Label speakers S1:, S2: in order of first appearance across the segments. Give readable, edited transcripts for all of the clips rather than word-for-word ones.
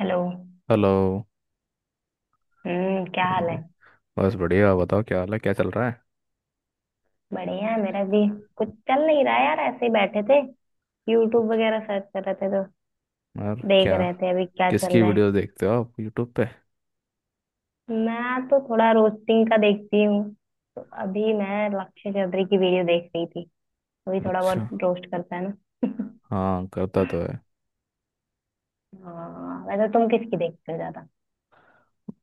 S1: Hello.
S2: Hello.
S1: हम्म, क्या
S2: हाँ
S1: हाल
S2: जी,
S1: है?
S2: बस बढ़िया, बताओ क्या हाल है, क्या चल रहा
S1: बढ़िया है मेरा भी। कुछ चल नहीं रहा यार, ऐसे ही बैठे थे। यूट्यूब वगैरह सर्च कर रहे थे, तो
S2: है, और
S1: देख
S2: क्या।
S1: रहे थे अभी क्या चल
S2: किसकी
S1: रहा है।
S2: वीडियोस देखते हो आप यूट्यूब पे?
S1: मैं तो थोड़ा रोस्टिंग का देखती हूँ, तो अभी मैं लक्ष्य चौधरी की वीडियो देख रही थी। वही थोड़ा बहुत
S2: अच्छा,
S1: रोस्ट करता है ना।
S2: हाँ करता तो है।
S1: हाँ, वैसे तुम किसकी देखते हो ज्यादा?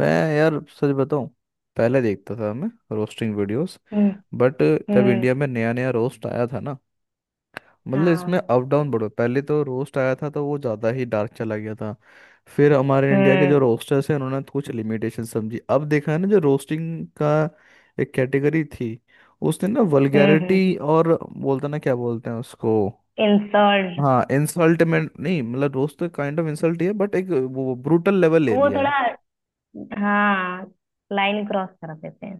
S2: मैं, यार सच बताऊं, पहले देखता था मैं रोस्टिंग वीडियोस।
S1: हम्म।
S2: बट जब
S1: हम्म।
S2: इंडिया में नया नया रोस्ट आया था ना, मतलब इसमें
S1: हाँ।
S2: अप डाउन बढ़ो, पहले तो रोस्ट आया था तो वो ज़्यादा ही डार्क चला गया था। फिर हमारे इंडिया के
S1: हम्म।
S2: जो रोस्टर्स हैं उन्होंने कुछ लिमिटेशन समझी, अब देखा है ना जो रोस्टिंग का एक कैटेगरी थी, उसने ना
S1: हम्म। हम्म।
S2: वल्गैरिटी, और बोलते ना क्या बोलते हैं उसको।
S1: इंसल्ट।
S2: हाँ, इंसल्ट में नहीं, मतलब रोस्ट तो काइंड ऑफ इंसल्ट ही है बट एक, वो ब्रूटल लेवल ले
S1: वो
S2: लिया है।
S1: थोड़ा, हाँ, लाइन क्रॉस कर देते हैं।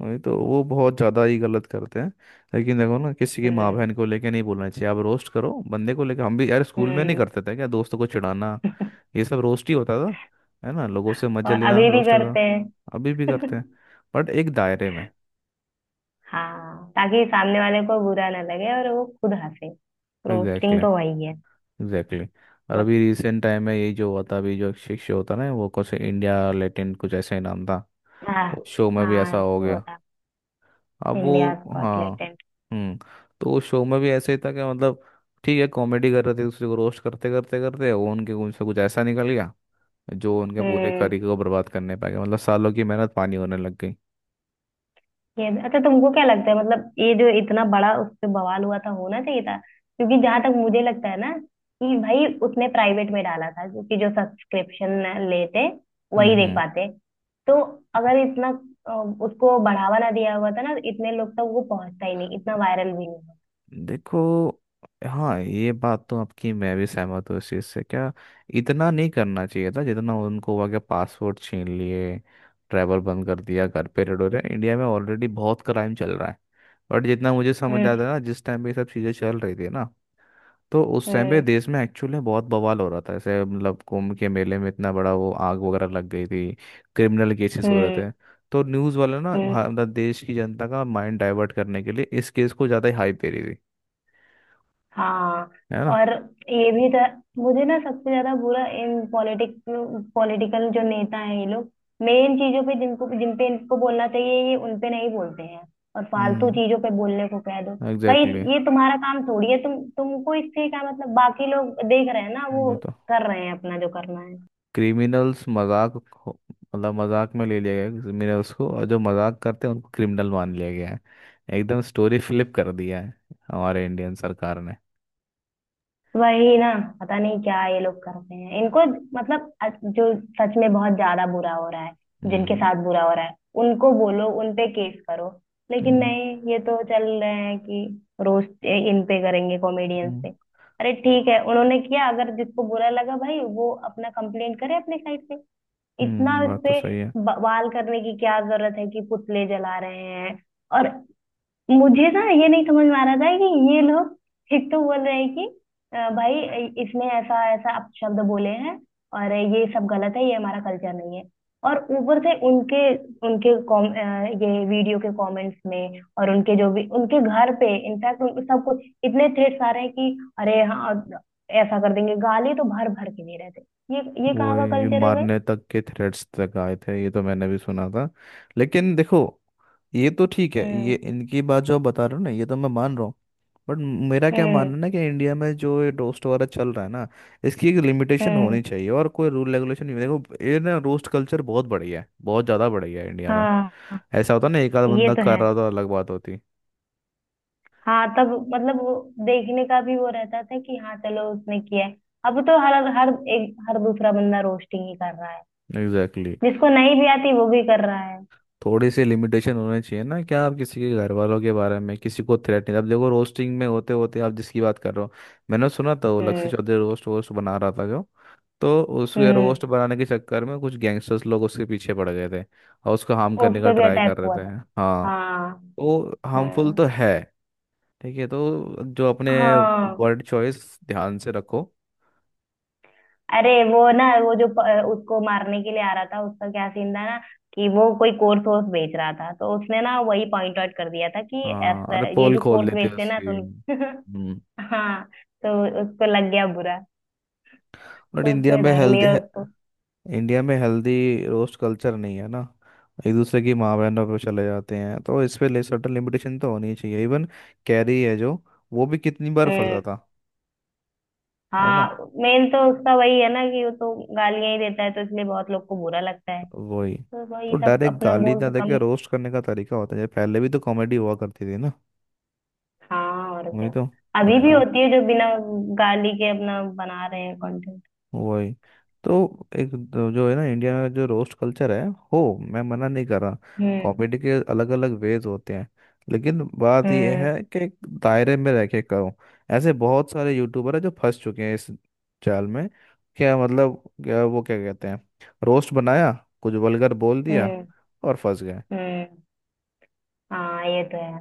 S2: वही तो, वो बहुत ज़्यादा ही गलत करते हैं। लेकिन देखो ना, किसी की माँ बहन
S1: हम्म।
S2: को लेके नहीं बोलना चाहिए, आप रोस्ट करो बंदे को लेके। हम भी यार स्कूल में नहीं
S1: हम्म।
S2: करते थे क्या दोस्तों को चिढ़ाना, ये सब रोस्ट ही होता था। है ना, लोगों से मजे
S1: और
S2: लेना
S1: अभी भी
S2: रोस्ट होता।
S1: करते
S2: अभी भी करते
S1: हैं।
S2: हैं, बट एक दायरे में।
S1: हाँ, ताकि सामने वाले को बुरा ना लगे और वो खुद हंसे।
S2: एग्जैक्टली
S1: रोस्टिंग तो वही है।
S2: एग्जैक्टली। और
S1: बट
S2: अभी रिसेंट टाइम में ये जो हुआ था, अभी जो एक शिक्षक होता ना, वो कुछ इंडिया लेटेंट कुछ ऐसे ही नाम था,
S1: हाँ।
S2: वो शो में भी ऐसा
S1: हाँ,
S2: हो
S1: वो
S2: गया।
S1: था।
S2: अब
S1: इंडिया
S2: वो
S1: स्कॉट
S2: हाँ,
S1: लेटेंट।
S2: हम्म, तो उस शो में भी ऐसे ही था कि मतलब, ठीक है कॉमेडी कर रहे थे, एक दूसरे को रोस्ट करते करते करते वो उनके उनसे कुछ ऐसा निकल गया जो उनके पूरे
S1: हम्म।
S2: करियर को बर्बाद करने पाएगा, मतलब सालों की मेहनत पानी होने लग गई।
S1: ये अच्छा, तुमको क्या लगता है, मतलब ये जो इतना बड़ा उस पे बवाल हुआ था, होना चाहिए था? क्योंकि जहां तक मुझे लगता है ना, कि भाई उसने प्राइवेट में डाला था, क्योंकि जो सब्सक्रिप्शन लेते वही देख
S2: हम्म।
S1: पाते। तो अगर इतना अ, उसको बढ़ावा ना दिया हुआ था, ना इतने लोग तक वो पहुंचता ही नहीं, इतना वायरल भी नहीं होता।
S2: देखो, हाँ, ये बात तो आपकी मैं भी सहमत हूँ इस चीज़ से, क्या इतना नहीं करना चाहिए था जितना उनको हुआ, कि पासपोर्ट छीन लिए, ट्रैवल बंद कर दिया, घर पे रेड हो रहे हैं। इंडिया में ऑलरेडी बहुत क्राइम चल रहा है, बट जितना मुझे समझ
S1: हम्म।
S2: आता है ना, जिस टाइम पे ये सब चीज़ें चल रही थी ना, तो उस टाइम पे
S1: हम्म।
S2: देश में एक्चुअली में बहुत बवाल हो रहा था ऐसे, मतलब कुंभ के मेले में इतना बड़ा वो आग वगैरह लग गई थी, क्रिमिनल केसेस हो रहे
S1: हम्म।
S2: थे। तो न्यूज़ वाले ना, भारत
S1: हम्म।
S2: मतलब देश की जनता का माइंड डाइवर्ट करने के लिए इस केस को ज़्यादा ही हाइप दे रही थी,
S1: हाँ,
S2: है ना।
S1: और ये भी था। मुझे ना सबसे ज्यादा बुरा इन पॉलिटिकल जो नेता हैं, ये लोग मेन चीजों पे, जिनको जिन पे इनको बोलना चाहिए, ये उन पे नहीं बोलते हैं। और फालतू
S2: हम्म,
S1: चीजों पे बोलने को कह दो। भाई
S2: एग्जैक्टली exactly।
S1: ये तुम्हारा काम थोड़ी है, तुमको इससे क्या मतलब? बाकी लोग देख रहे हैं ना, वो
S2: वही तो,
S1: कर रहे हैं अपना जो करना है।
S2: क्रिमिनल्स मजाक, मतलब मजाक में ले लिया गया क्रिमिनल्स को, और जो मजाक करते हैं उनको क्रिमिनल मान लिया गया है। एकदम स्टोरी फ्लिप कर दिया है हमारे इंडियन सरकार ने।
S1: वही ना। पता नहीं क्या ये लोग करते हैं, इनको मतलब जो सच में बहुत ज्यादा बुरा हो रहा है, जिनके
S2: हम्म
S1: साथ बुरा हो रहा है, उनको बोलो, उन पे केस करो। लेकिन
S2: हम्म,
S1: नहीं, ये तो चल रहे हैं कि रोज इन पे करेंगे, कॉमेडियंस
S2: हम्म।
S1: पे। अरे ठीक है, उन्होंने किया, अगर जिसको बुरा लगा भाई वो अपना कंप्लेंट करे अपने साइड से। इतना
S2: हम्म,
S1: इस
S2: बात तो
S1: पे
S2: सही है।
S1: बवाल करने की क्या जरूरत है कि पुतले जला रहे हैं? और मुझे ना ये नहीं समझ में आ रहा था कि ये लोग एक तो बोल रहे हैं कि भाई इसने ऐसा ऐसा अपशब्द बोले हैं और ये सब गलत है, ये हमारा कल्चर नहीं है। और ऊपर से उनके उनके ये वीडियो के कमेंट्स में और उनके जो भी उनके घर पे, इनफैक्ट सब कुछ इतने थ्रेट्स आ रहे हैं कि अरे हाँ ऐसा कर देंगे, गाली तो भर भर के दे रहे थे। ये ये
S2: वो
S1: कहाँ का
S2: ये
S1: कल्चर है भाई?
S2: मारने तक के थ्रेट्स तक आए थे ये तो मैंने भी सुना था, लेकिन देखो, ये तो ठीक है, ये
S1: हम्म।
S2: इनकी बात जो आप बता रहे हो ना ये तो मैं मान रहा हूँ। बट मेरा क्या मानना
S1: हम्म।
S2: है ना, कि इंडिया में जो ये रोस्ट वगैरह चल रहा है ना, इसकी एक लिमिटेशन
S1: हम्म।
S2: होनी चाहिए, और कोई रूल रेगुलेशन नहीं। देखो ये ना, रोस्ट कल्चर बहुत बढ़िया है, बहुत ज़्यादा बढ़िया है इंडिया में।
S1: हाँ
S2: ऐसा होता ना एक आध
S1: ये
S2: बंदा
S1: तो
S2: कर
S1: है।
S2: रहा था अलग बात होती।
S1: हाँ तब मतलब वो देखने का भी वो रहता था कि हाँ चलो उसने किया है। अब तो हर हर एक हर दूसरा बंदा रोस्टिंग ही कर रहा है,
S2: एग्जैक्टली।
S1: जिसको नहीं भी आती वो भी कर रहा है।
S2: थोड़ी सी लिमिटेशन होनी चाहिए ना, क्या आप किसी के घर वालों के बारे में किसी को थ्रेट नहीं, अब देखो रोस्टिंग में होते होते आप जिसकी बात कर रहे हो, मैंने सुना था वो लक्ष्य
S1: हम्म।
S2: चौधरी रोस्ट वोस्ट बना रहा था जो, तो उसके
S1: हम्म।
S2: रोस्ट बनाने के चक्कर में कुछ गैंगस्टर्स लोग उसके पीछे पड़ गए थे और उसको हार्म
S1: उस
S2: करने का
S1: पे भी
S2: ट्राई कर
S1: अटैक
S2: रहे
S1: हुआ
S2: थे।
S1: था।
S2: हाँ,
S1: हाँ।
S2: तो हार्मफुल
S1: हम्म।
S2: तो है। ठीक है तो जो अपने
S1: हाँ।
S2: वर्ड चॉइस ध्यान से रखो।
S1: अरे वो ना, वो जो उसको मारने के लिए आ रहा था, उसका क्या सीन था ना, कि वो कोई कोर्स वोर्स बेच रहा था, तो उसने ना वही पॉइंट आउट कर दिया था कि
S2: हाँ अरे,
S1: ऐसा ये
S2: पोल
S1: जो
S2: खोल
S1: कोर्स
S2: लेते हैं
S1: बेचते हैं ना तो
S2: उसकी।
S1: उन,
S2: हम्म।
S1: हाँ, तो उसको लग गया बुरा,
S2: बट
S1: तो
S2: इंडिया
S1: उसने
S2: में
S1: धर
S2: हेल्थ,
S1: लिया उसको।
S2: इंडिया में हेल्दी रोस्ट कल्चर नहीं है ना, एक दूसरे की माँ बहनों पे चले जाते हैं, तो इस पे ले सर्टन लिमिटेशन तो होनी चाहिए। इवन कैरी है जो, वो भी कितनी बार फंसा
S1: हम्म।
S2: था, है ना।
S1: हाँ, मेन तो उसका वही है ना कि वो तो गालियां ही देता है, तो इसलिए बहुत लोग को बुरा लगता है।
S2: वही
S1: तो वही
S2: तो,
S1: सब
S2: डायरेक्ट
S1: अपना
S2: गाली
S1: बोल
S2: ना
S1: तो
S2: देके
S1: कम।
S2: रोस्ट करने का तरीका होता है, पहले भी तो कॉमेडी हुआ करती थी ना।
S1: हाँ और क्या।
S2: वही तो,
S1: अभी
S2: अरे,
S1: भी होती है जो बिना गाली के अपना बना रहे हैं कंटेंट।
S2: वही तो, जो है ना इंडिया में जो रोस्ट कल्चर है हो, मैं मना नहीं कर रहा।
S1: हम्म।
S2: कॉमेडी के अलग अलग वेज होते हैं, लेकिन बात यह
S1: हम्म।
S2: है कि एक दायरे में रह के करो। ऐसे बहुत सारे यूट्यूबर हैं जो फंस चुके हैं इस जाल में। क्या मतलब क्या वो क्या कहते हैं, रोस्ट बनाया, कुछ वल्गर बोल दिया,
S1: हम्म।
S2: और फंस गए।
S1: हम्म। हाँ ये तो है।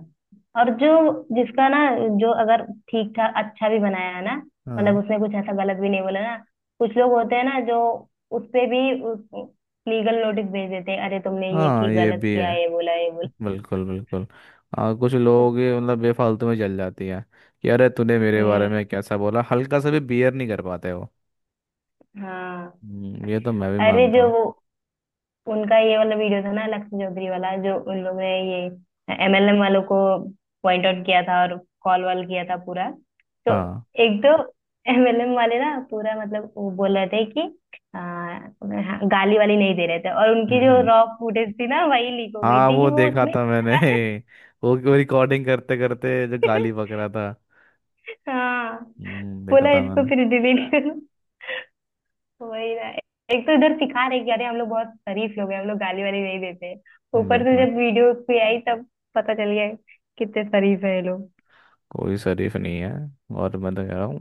S1: और जो, जिसका ना, जो अगर ठीक ठाक अच्छा भी बनाया है ना, मतलब
S2: हाँ
S1: उसने कुछ ऐसा गलत भी नहीं बोला ना, कुछ लोग होते हैं ना जो उस पे भी लीगल नोटिस भेज देते हैं, अरे तुमने ये
S2: हाँ,
S1: की
S2: ये
S1: गलत
S2: भी है,
S1: किया, ये बोला, ये बोला।
S2: बिल्कुल बिल्कुल। कुछ लोग ये मतलब बेफालतू में जल जाती हैं, कि अरे तूने मेरे बारे
S1: हम्म।
S2: में कैसा बोला, हल्का सा भी बियर नहीं कर पाते वो।
S1: हाँ।
S2: ये तो मैं भी
S1: अरे
S2: मानता
S1: जो
S2: हूँ।
S1: वो उनका ये वाला वीडियो था ना, लक्ष्य चौधरी वाला, जो उन लोग ने ये एमएलएम वालों को पॉइंट आउट किया था और कॉल वॉल किया था पूरा। तो
S2: हाँ,
S1: एक तो एमएलएम वाले ना पूरा मतलब वो बोल रहे थे कि हाँ, गाली वाली नहीं दे रहे थे, और उनकी जो
S2: हम्म,
S1: रॉ फुटेज थी ना वही लीक हो गई
S2: हाँ
S1: थी कि
S2: वो
S1: वो
S2: देखा
S1: उसमें
S2: था मैंने। वो रिकॉर्डिंग करते करते जो गाली बक रहा था,
S1: हाँ,
S2: हम्म, देखा
S1: बोला
S2: था
S1: इसको
S2: मैंने।
S1: फिर डिलीट करो। वही ना, एक तो इधर सिखा रहे कि अरे हम लोग बहुत शरीफ लोग हैं, हम लोग गाली वाली नहीं देते, ऊपर से
S2: देखा।
S1: जब वीडियो पे आई तब पता चल गया कितने शरीफ है ये लोग।
S2: कोई शरीफ नहीं है, और मैं तो कह रहा हूँ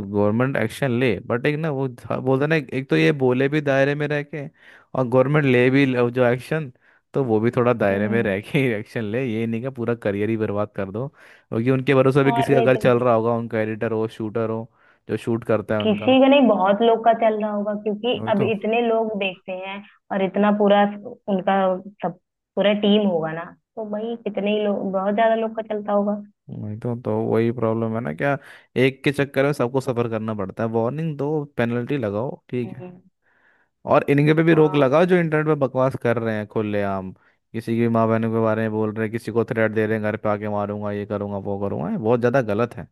S2: गवर्नमेंट एक्शन ले, बट एक ना बोलते ना, एक एक तो ये बोले भी दायरे में रह के, और गवर्नमेंट ले भी लो जो एक्शन तो वो भी थोड़ा दायरे में
S1: हम्म।
S2: रह के ही एक्शन ले। ये नहीं कि पूरा करियर ही बर्बाद कर दो, क्योंकि उनके भरोसे भी
S1: और
S2: किसी का
S1: नहीं
S2: घर
S1: तो
S2: चल
S1: क्या।
S2: रहा होगा, उनका एडिटर हो, शूटर हो, जो शूट करता है उनका।
S1: किसी का नहीं, बहुत लोग का चल रहा होगा, क्योंकि
S2: वही
S1: अब
S2: तो,
S1: इतने लोग देखते हैं और इतना पूरा उनका सब, पूरा टीम होगा ना, तो भाई कितने ही लोग, बहुत ज्यादा लोग का चलता होगा।
S2: वही तो वही प्रॉब्लम है ना क्या, एक के चक्कर में सबको सफर करना पड़ता है। वार्निंग दो, पेनल्टी लगाओ, ठीक है, और इनके पे भी रोक
S1: हम्म।
S2: लगाओ जो इंटरनेट पे बकवास कर रहे हैं खुलेआम, किसी की माँ बहनों के बारे में बोल रहे हैं, किसी को थ्रेट दे रहे हैं, घर पे आके मारूंगा, ये करूंगा, वो करूंगा, ये बहुत ज्यादा गलत है।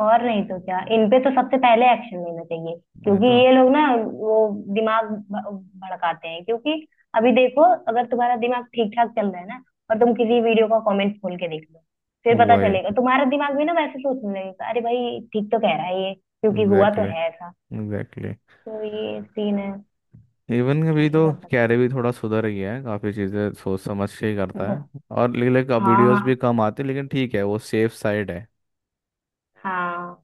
S1: और नहीं तो क्या, इन पे तो सबसे पहले एक्शन लेना चाहिए,
S2: वही
S1: क्योंकि
S2: तो,
S1: ये लोग ना वो दिमाग भड़काते हैं, क्योंकि अभी देखो, अगर तुम्हारा दिमाग ठीक ठाक चल रहा है ना, और तुम किसी वीडियो का कमेंट खोल के देख लो, फिर पता
S2: वही,
S1: चलेगा तुम्हारा दिमाग भी ना वैसे सोचने लगेगा, अरे भाई ठीक तो कह रहा है ये, क्योंकि हुआ तो
S2: एग्जैक्टली
S1: है ऐसा।
S2: एग्जैक्टली।
S1: तो ये सीन है।
S2: इवन
S1: क्या
S2: अभी तो
S1: ही कर सकते
S2: कैरे भी थोड़ा सुधर गया है, काफ़ी चीज़ें सोच समझ के ही
S1: हैं।
S2: करता है, और लेकिन अब वीडियोस भी
S1: हाँ।
S2: कम आते हैं, लेकिन ठीक है वो सेफ साइड है।
S1: हाँ।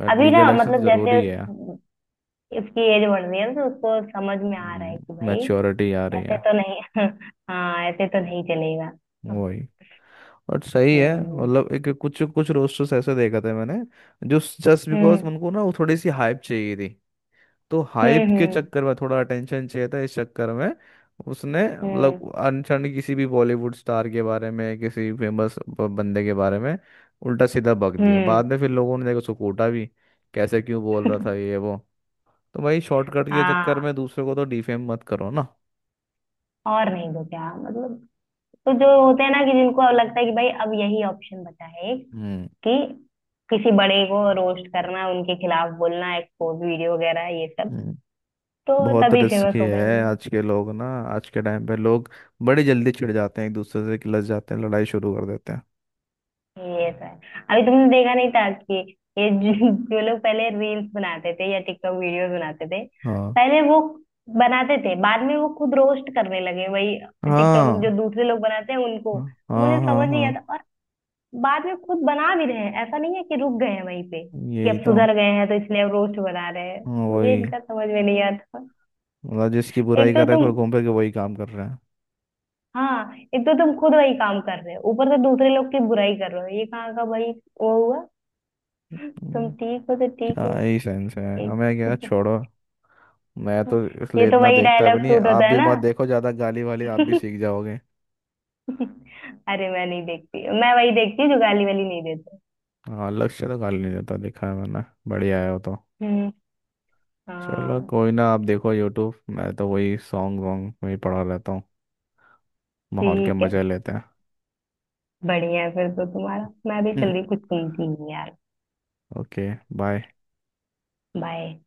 S2: बट
S1: अभी
S2: लीगल
S1: ना
S2: एक्शन तो
S1: मतलब जैसे
S2: ज़रूरी है।
S1: इसकी एज बढ़ रही है, तो उसको समझ में आ रहा है कि भाई
S2: मैच्योरिटी आ रही
S1: ऐसे
S2: है।
S1: तो नहीं, हाँ ऐसे तो नहीं चलेगा।
S2: वही, बट सही है
S1: हम्म।
S2: मतलब, एक कुछ कुछ रोस्टर्स ऐसे देखा था मैंने जो, जस्ट बिकॉज
S1: हम्म।
S2: उनको ना वो थोड़ी सी हाइप चाहिए थी, तो हाइप के
S1: हम्म।
S2: चक्कर में थोड़ा अटेंशन चाहिए था, इस चक्कर में उसने
S1: हम्म।
S2: मतलब अनशन किसी भी बॉलीवुड स्टार के बारे में, किसी फेमस बंदे के बारे में उल्टा सीधा बक दिया,
S1: हम्म।
S2: बाद में फिर लोगों ने देखा उसको कूटा भी, कैसे क्यों बोल रहा था ये वो। तो भाई शॉर्टकट के चक्कर
S1: हाँ
S2: में दूसरे को तो डिफेम मत करो ना।
S1: और नहीं तो क्या मतलब। तो जो होते हैं ना कि जिनको अब लगता है कि भाई अब यही ऑप्शन बचा है एक, कि किसी बड़े को रोस्ट करना, उनके खिलाफ बोलना, एक्सपोज वीडियो वगैरह, ये सब,
S2: हम्म,
S1: तो
S2: बहुत
S1: तभी
S2: रिस्की
S1: फेमस हो
S2: है।
S1: पाएंगे।
S2: आज के लोग ना, आज के टाइम पे लोग बड़ी जल्दी चिढ़ जाते हैं एक दूसरे से, किलस जाते हैं, लड़ाई शुरू कर देते हैं।
S1: ये तो है। अभी तुमने देखा नहीं था कि ये जो जो लोग पहले रील्स बनाते थे या टिकटॉक वीडियोस बनाते थे,
S2: हाँ
S1: पहले वो बनाते थे, बाद में वो खुद रोस्ट करने लगे, वही टिकटॉक जो
S2: हाँ
S1: दूसरे लोग बनाते हैं उनको।
S2: हाँ,
S1: तो
S2: हाँ
S1: मुझे
S2: हाँ
S1: समझ नहीं
S2: हाँ,
S1: आता, और बाद में खुद बना भी रहे हैं, ऐसा नहीं है कि रुक गए हैं वहीं पे कि
S2: यही
S1: अब
S2: तो।
S1: सुधर गए हैं तो इसलिए अब रोस्ट बना रहे हैं।
S2: हाँ
S1: मुझे
S2: वही,
S1: इनका समझ में नहीं आता।
S2: मतलब जिसकी
S1: एक
S2: बुराई
S1: तो
S2: कर रहे हैं
S1: तुम
S2: और घूम फिर के वही काम कर रहे हैं।
S1: हाँ, एक तो तुम खुद वही काम कर रहे हो, ऊपर से दूसरे लोग की बुराई कर रहे हो, ये कहाँ का भाई वो हुआ। तुम
S2: हम्म,
S1: ठीक हो तो ठीक
S2: क्या
S1: है।
S2: ही सेंस है, हमें क्या,
S1: एक
S2: छोड़ो। मैं तो
S1: ये
S2: इसलिए
S1: तो
S2: इतना
S1: वही
S2: देखता
S1: डायलॉग
S2: भी नहीं,
S1: सूट
S2: आप
S1: होता है
S2: भी
S1: ना।
S2: मत देखो ज़्यादा, गाली वाली आप भी सीख जाओगे।
S1: अरे मैं नहीं देखती, मैं वही देखती हूँ जो गाली वाली नहीं देते।
S2: हाँ लक्ष्य तो गाली नहीं देता, देखा है मैंने, बढ़िया है वो तो।
S1: हम्म।
S2: चलो
S1: हाँ
S2: कोई ना, आप देखो यूट्यूब, मैं तो वही सॉन्ग वॉन्ग में ही पड़ा रहता हूँ, माहौल के
S1: ठीक है।
S2: मजे लेते
S1: बढ़िया है फिर तो तुम्हारा। मैं भी चल
S2: हैं।
S1: रही हूँ, कुछ सुनती हूँ यार।
S2: Okay, bye.
S1: बाय।